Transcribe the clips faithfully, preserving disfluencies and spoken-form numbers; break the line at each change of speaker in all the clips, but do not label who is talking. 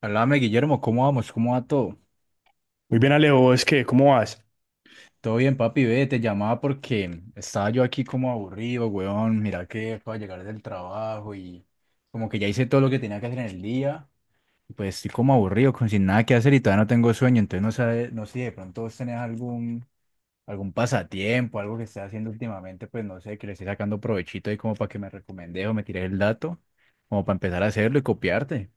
Háblame, Guillermo, ¿cómo vamos? ¿Cómo va todo?
Muy bien, Alejo, es que, ¿cómo vas?
Todo bien, papi, ve, te llamaba porque estaba yo aquí como aburrido, weón. Mira que acabo de llegar del trabajo y como que ya hice todo lo que tenía que hacer en el día. y Pues estoy como aburrido, con sin nada que hacer y todavía no tengo sueño. Entonces no sé, no sé si de pronto vos tenés algún, algún pasatiempo, algo que estés haciendo últimamente, pues no sé, que le esté sacando provechito ahí como para que me recomendes o me tires el dato, como para empezar a hacerlo y copiarte.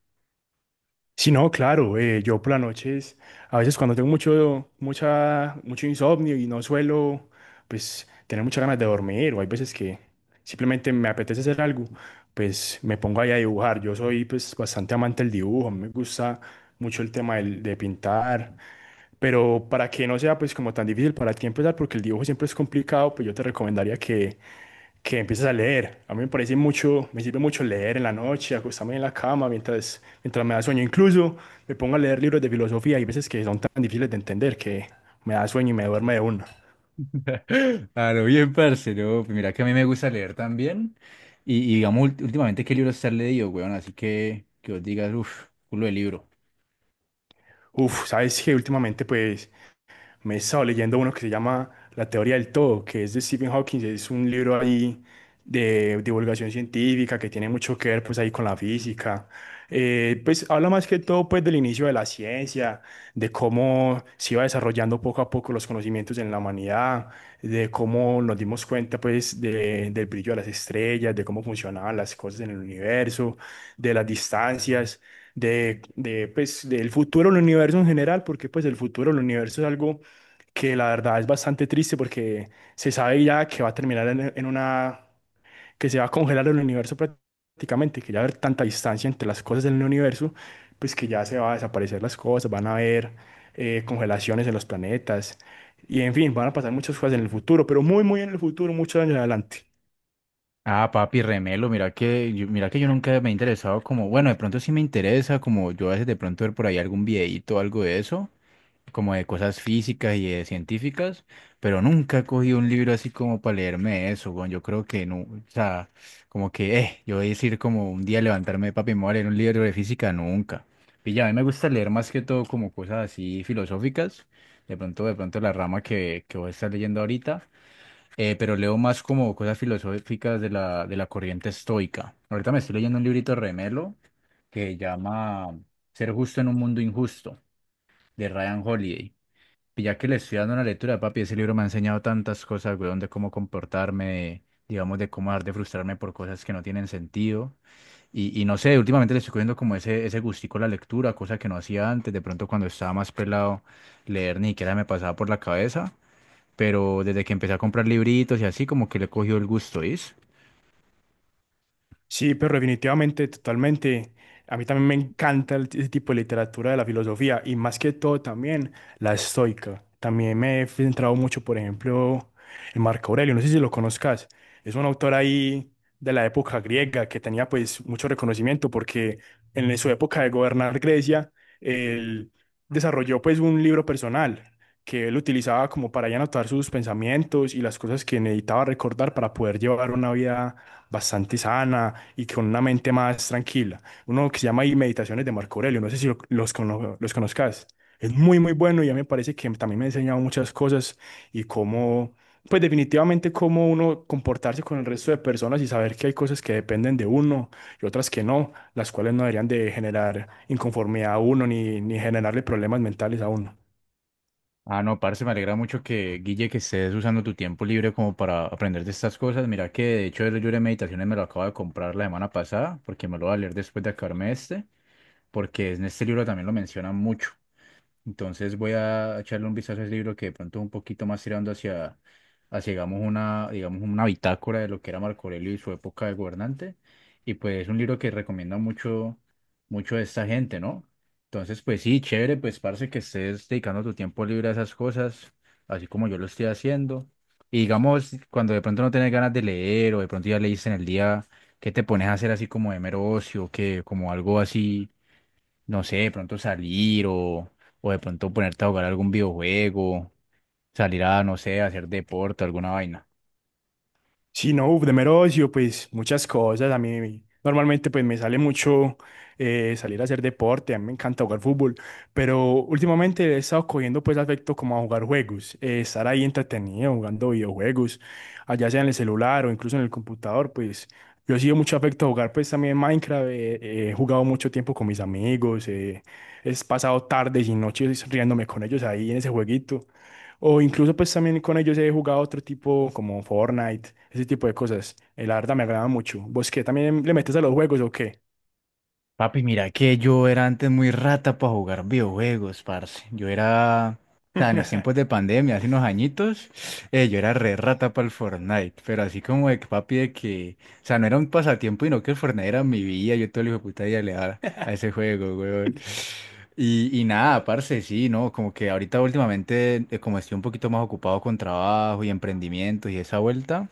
Sí, no, claro, eh, yo por las noches, a veces cuando tengo mucho, mucha, mucho insomnio y no suelo, pues, tener muchas ganas de dormir, o hay veces que simplemente me apetece hacer algo. Pues me pongo ahí a dibujar. Yo soy, pues, bastante amante del dibujo, a mí me gusta mucho el tema del- de pintar, pero para que no sea, pues, como tan difícil para ti empezar, porque el dibujo siempre es complicado, pues yo te recomendaría que que empieces a leer. A mí me parece mucho, me sirve mucho leer en la noche, acostarme en la cama mientras, mientras me da sueño. Incluso me pongo a leer libros de filosofía. Hay veces que son tan difíciles de entender que me da sueño y me duerme de una.
Claro, bien, parce, ¿no? Pues Mira que a mí me gusta leer también. Y, y digamos, ult- últimamente, ¿qué libros te has leído, weón? Así que que os digas, uff, culo de libro.
Uf, sabes que últimamente pues me he estado leyendo uno que se llama La teoría del todo, que es de Stephen Hawking. Es un libro ahí de divulgación científica que tiene mucho que ver pues ahí con la física. Eh, pues habla más que todo pues del inicio de la ciencia, de cómo se iba desarrollando poco a poco los conocimientos en la humanidad, de cómo nos dimos cuenta pues de- del brillo de las estrellas, de cómo funcionaban las cosas en el universo, de las distancias de, de, pues del futuro del universo en general, porque pues el futuro del universo es algo que la verdad es bastante triste porque se sabe ya que va a terminar en, en una, que se va a congelar el universo prácticamente, que ya va a haber tanta distancia entre las cosas del universo, pues que ya se va a desaparecer las cosas, van a haber eh, congelaciones en los planetas y, en fin, van a pasar muchas cosas en el futuro, pero muy, muy en el futuro, muchos años adelante.
Ah, papi, remelo, mira que, yo, mira que yo nunca me he interesado como, bueno, de pronto sí me interesa, como yo a veces de pronto ver por ahí algún videíto o algo de eso, como de cosas físicas y de científicas, pero nunca he cogido un libro así como para leerme eso, weón. Yo creo que no, o sea, como que, eh, yo voy a decir como un día levantarme, papi, me voy a leer un libro de física, nunca. Y ya, a mí me gusta leer más que todo como cosas así filosóficas, de pronto, de pronto la rama que, que voy a estar leyendo ahorita, eh, pero leo más como cosas filosóficas de la, de la corriente estoica. Ahorita me estoy leyendo un librito de Remelo que llama Ser justo en un mundo injusto, de Ryan Holiday. Ya que le estoy dando una lectura, papi, ese libro me ha enseñado tantas cosas, weón, de cómo comportarme, digamos, de cómo dejar de frustrarme por cosas que no tienen sentido. Y, y no sé, últimamente le estoy cogiendo como ese, ese gustico a la lectura, cosa que no hacía antes. De pronto, cuando estaba más pelado, leer ni siquiera me pasaba por la cabeza. Pero desde que empecé a comprar libritos y así, como que le he cogido el gusto, ¿is?
Sí, pero definitivamente, totalmente. A mí también me encanta el- ese tipo de literatura de la filosofía y más que todo también la estoica. También me he centrado mucho, por ejemplo, en Marco Aurelio, no sé si lo conozcas. Es un autor ahí de la época griega que tenía pues mucho reconocimiento porque en su época de gobernar Grecia, él desarrolló pues un libro personal que él utilizaba como para ahí anotar sus pensamientos y las cosas que necesitaba recordar para poder llevar una vida bastante sana y con una mente más tranquila. Uno que se llama ahí Meditaciones de Marco Aurelio, no sé si lo- los, cono- los conozcas. Es muy, muy bueno y a mí me parece que también me ha enseñado muchas cosas y cómo, pues definitivamente cómo uno comportarse con el resto de personas y saber que hay cosas que dependen de uno y otras que no, las cuales no deberían de generar inconformidad a uno ni, ni generarle problemas mentales a uno.
Ah, no, parce, me alegra mucho que, Guille, que estés usando tu tiempo libre como para aprender de estas cosas. Mira que, de hecho, el libro de meditaciones me lo acabo de comprar la semana pasada, porque me lo voy a leer después de acabarme este, porque en este libro también lo mencionan mucho. Entonces voy a echarle un vistazo a ese libro que de pronto es un poquito más tirando hacia, hacia digamos, una, digamos, una bitácora de lo que era Marco Aurelio y su época de gobernante. Y pues es un libro que recomienda mucho, mucho a esta gente, ¿no? Entonces, pues sí, chévere, pues parece que estés dedicando tu tiempo libre a esas cosas, así como yo lo estoy haciendo. Y digamos, cuando de pronto no tienes ganas de leer o de pronto ya leíste en el día, ¿qué te pones a hacer así como de mero ocio, que como algo así? No sé, de pronto salir o, o de pronto ponerte a jugar algún videojuego, salir a, no sé, a hacer deporte, alguna vaina.
Sí, no, uf, de mero ocio, pues muchas cosas. A mí normalmente pues me sale mucho eh, salir a hacer deporte, a mí me encanta jugar fútbol, pero últimamente he estado cogiendo pues afecto como a jugar juegos, eh, estar ahí entretenido jugando videojuegos, allá sea en el celular o incluso en el computador. Pues yo he sido mucho afecto a jugar pues también Minecraft. Eh, eh, he jugado mucho tiempo con mis amigos, eh, he pasado tardes y noches riéndome con ellos ahí en ese jueguito. O incluso pues también con ellos he jugado otro tipo como Fortnite, ese tipo de cosas. Eh, la verdad me agrada mucho. ¿Vos qué? ¿También le metes a los juegos o qué?
Papi, mira que yo era antes muy rata para jugar videojuegos, parce. Yo era, o sea, en los tiempos de pandemia, hace unos añitos, eh, yo era re rata para el Fortnite. Pero así como de que, papi, de que, o sea, no era un pasatiempo, sino que el Fortnite era mi vida. Yo todo el hijo de puta día le daba a ese juego, weón. Y, y nada, parce, sí, ¿no? Como que ahorita últimamente, eh, como estoy un poquito más ocupado con trabajo y emprendimientos y esa vuelta.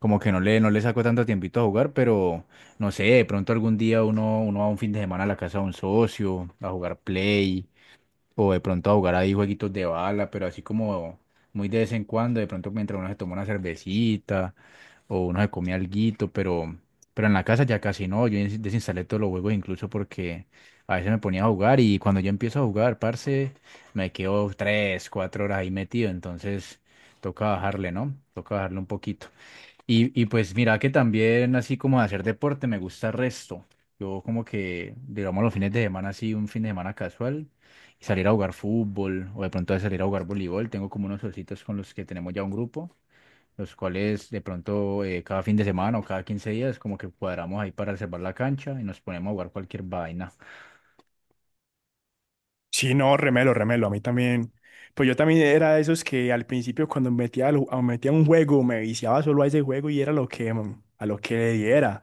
Como que no le, no le saco tanto tiempito a jugar, pero no sé, de pronto algún día uno, uno va un fin de semana a la casa de un socio a jugar Play o de pronto a jugar ahí jueguitos de bala, pero así como muy de vez en cuando, de pronto mientras uno se toma una cervecita o uno se come alguito, pero, pero en la casa ya casi no, yo des- desinstalé todos los juegos incluso porque a veces me ponía a jugar y cuando yo empiezo a jugar, parce, me quedo tres, cuatro horas ahí metido, entonces toca bajarle, ¿no? Toca bajarle un poquito. Y, y pues mira que también así como de hacer deporte me gusta el resto. Yo como que, digamos, los fines de semana así, un fin de semana casual, y salir a jugar fútbol o de pronto salir a jugar voleibol. Tengo como unos ositos con los que tenemos ya un grupo, los cuales de pronto eh, cada fin de semana o cada quince días como que cuadramos ahí para reservar la cancha y nos ponemos a jugar cualquier vaina.
Sí, no, remelo, remelo, a mí también. Pues yo también era de esos que al principio cuando metía, al- a- metía un juego me viciaba solo a ese juego y era lo que, mm, a lo que le diera.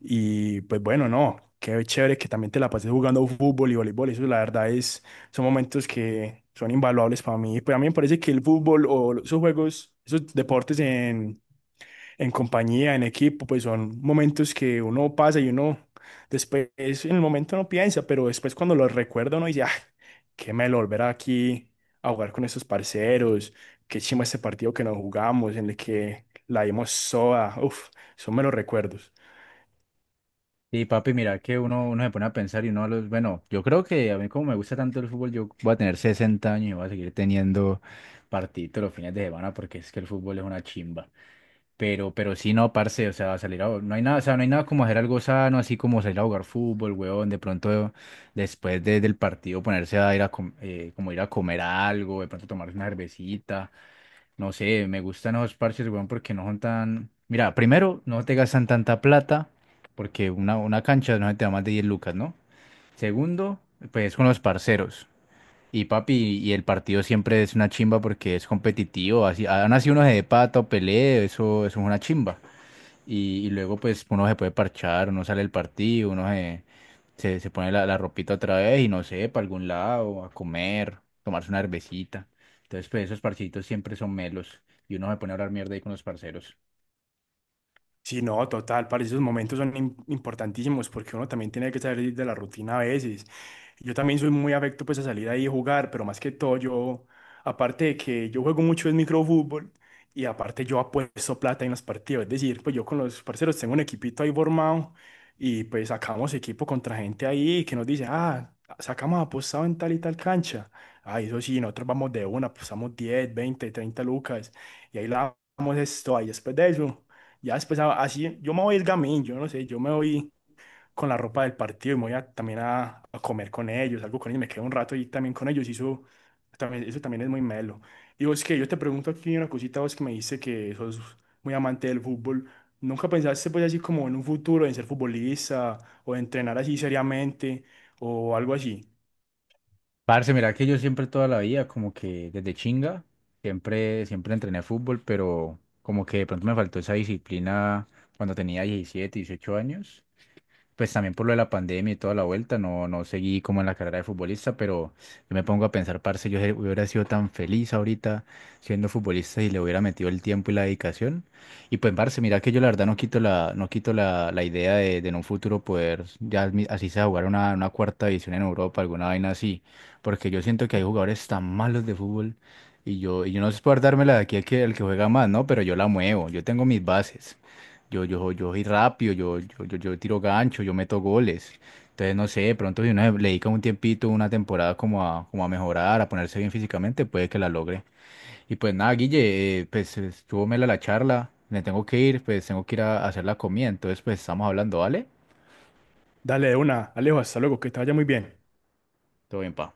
Y pues bueno, no, qué chévere que también te la pases jugando fútbol y voleibol. Eso la verdad es, son momentos que son invaluables para mí. Pues a mí me parece que el fútbol o esos juegos, esos deportes en compañía, en equipo, pues son momentos que uno pasa y uno después, en el momento no piensa, pero después cuando lo recuerda uno dice, ah, qué melo volver aquí a jugar con esos parceros, qué chimba este partido que nos jugamos, en el que la dimos soda. Uff, son melos recuerdos.
Sí, papi, mira que uno, uno se pone a pensar y uno, los, bueno, yo creo que a mí como me gusta tanto el fútbol, yo voy a tener sesenta años y voy a seguir teniendo partidos los fines de semana porque es que el fútbol es una chimba. Pero, pero sí, no, parce, o sea, salir a, no hay nada, o sea, no hay nada como hacer algo sano, así como salir a jugar fútbol, huevón, de pronto después de- del partido ponerse a ir a, com- eh, como ir a comer algo, de pronto tomarse una cervecita. No sé, me gustan esos parches, weón, porque no son tan... Mira, primero, no te gastan tanta plata, porque una, una cancha no se te da más de diez lucas, ¿no? Segundo, pues con los parceros. Y papi, y el partido siempre es una chimba porque es competitivo. Así, han así uno se de pato, pelee, eso, eso es una chimba y, y luego pues uno se puede parchar, uno sale del partido, uno se, se, se pone la, la ropita otra vez y no sé, para algún lado, a comer, tomarse una cervecita. Entonces pues esos parchecitos siempre son melos y uno se pone a hablar mierda ahí con los parceros.
Sí, no, total, para esos momentos son im- importantísimos porque uno también tiene que salir de la rutina a veces. Yo también soy muy afecto pues a salir ahí a jugar, pero más que todo yo, aparte de que yo juego mucho es microfútbol y aparte yo apuesto plata en los partidos, es decir, pues yo con los parceros tengo un equipito ahí formado y pues sacamos equipo contra gente ahí que nos dice, ah, sacamos apostado en tal y tal cancha. Ah, eso sí, nosotros vamos de una, apostamos diez veinte treinta lucas y ahí la damos esto, ahí después de eso, ya después a- así, yo me voy el gamín, yo no sé, yo me voy con la ropa del partido y me voy a- también a, a comer con ellos, algo con ellos, me quedo un rato ahí también con ellos y eso también, eso también es muy melo. Y vos que yo te pregunto aquí una cosita, vos que me dice que sos muy amante del fútbol, ¿nunca pensaste pues así como en un futuro en ser futbolista o entrenar así seriamente o algo así?
Parce, mira que yo siempre toda la vida, como que desde chinga, siempre, siempre entrené fútbol, pero como que de pronto me faltó esa disciplina cuando tenía diecisiete, dieciocho años pues también por lo de la pandemia y toda la vuelta, no, no seguí como en la carrera de futbolista, pero yo me pongo a pensar, parce, yo hubiera sido tan feliz ahorita siendo futbolista y le hubiera metido el tiempo y la dedicación. Y pues, parce, mira que yo la verdad no quito la, no quito la, la idea de, de en un futuro poder, ya mi- así sea, jugar una, una cuarta división en Europa, alguna vaina así, porque yo siento que hay jugadores tan malos de fútbol. Y yo, y yo no sé por dármela de aquí al que, el que juega más, ¿no? Pero yo la muevo, yo tengo mis bases. Yo, yo, yo soy rápido, yo, yo, yo, yo tiro gancho, yo meto goles. Entonces, no sé, de pronto si uno le dedica un tiempito, una temporada como a, como a mejorar, a ponerse bien físicamente, puede que la logre. Y pues nada, Guille, eh, pues estuvo mela la charla, me tengo que ir, pues tengo que ir a, a hacer la comida, entonces pues estamos hablando, ¿vale?
Dale de una, Alejo, hasta luego, que te vaya muy bien.
Todo bien, pa.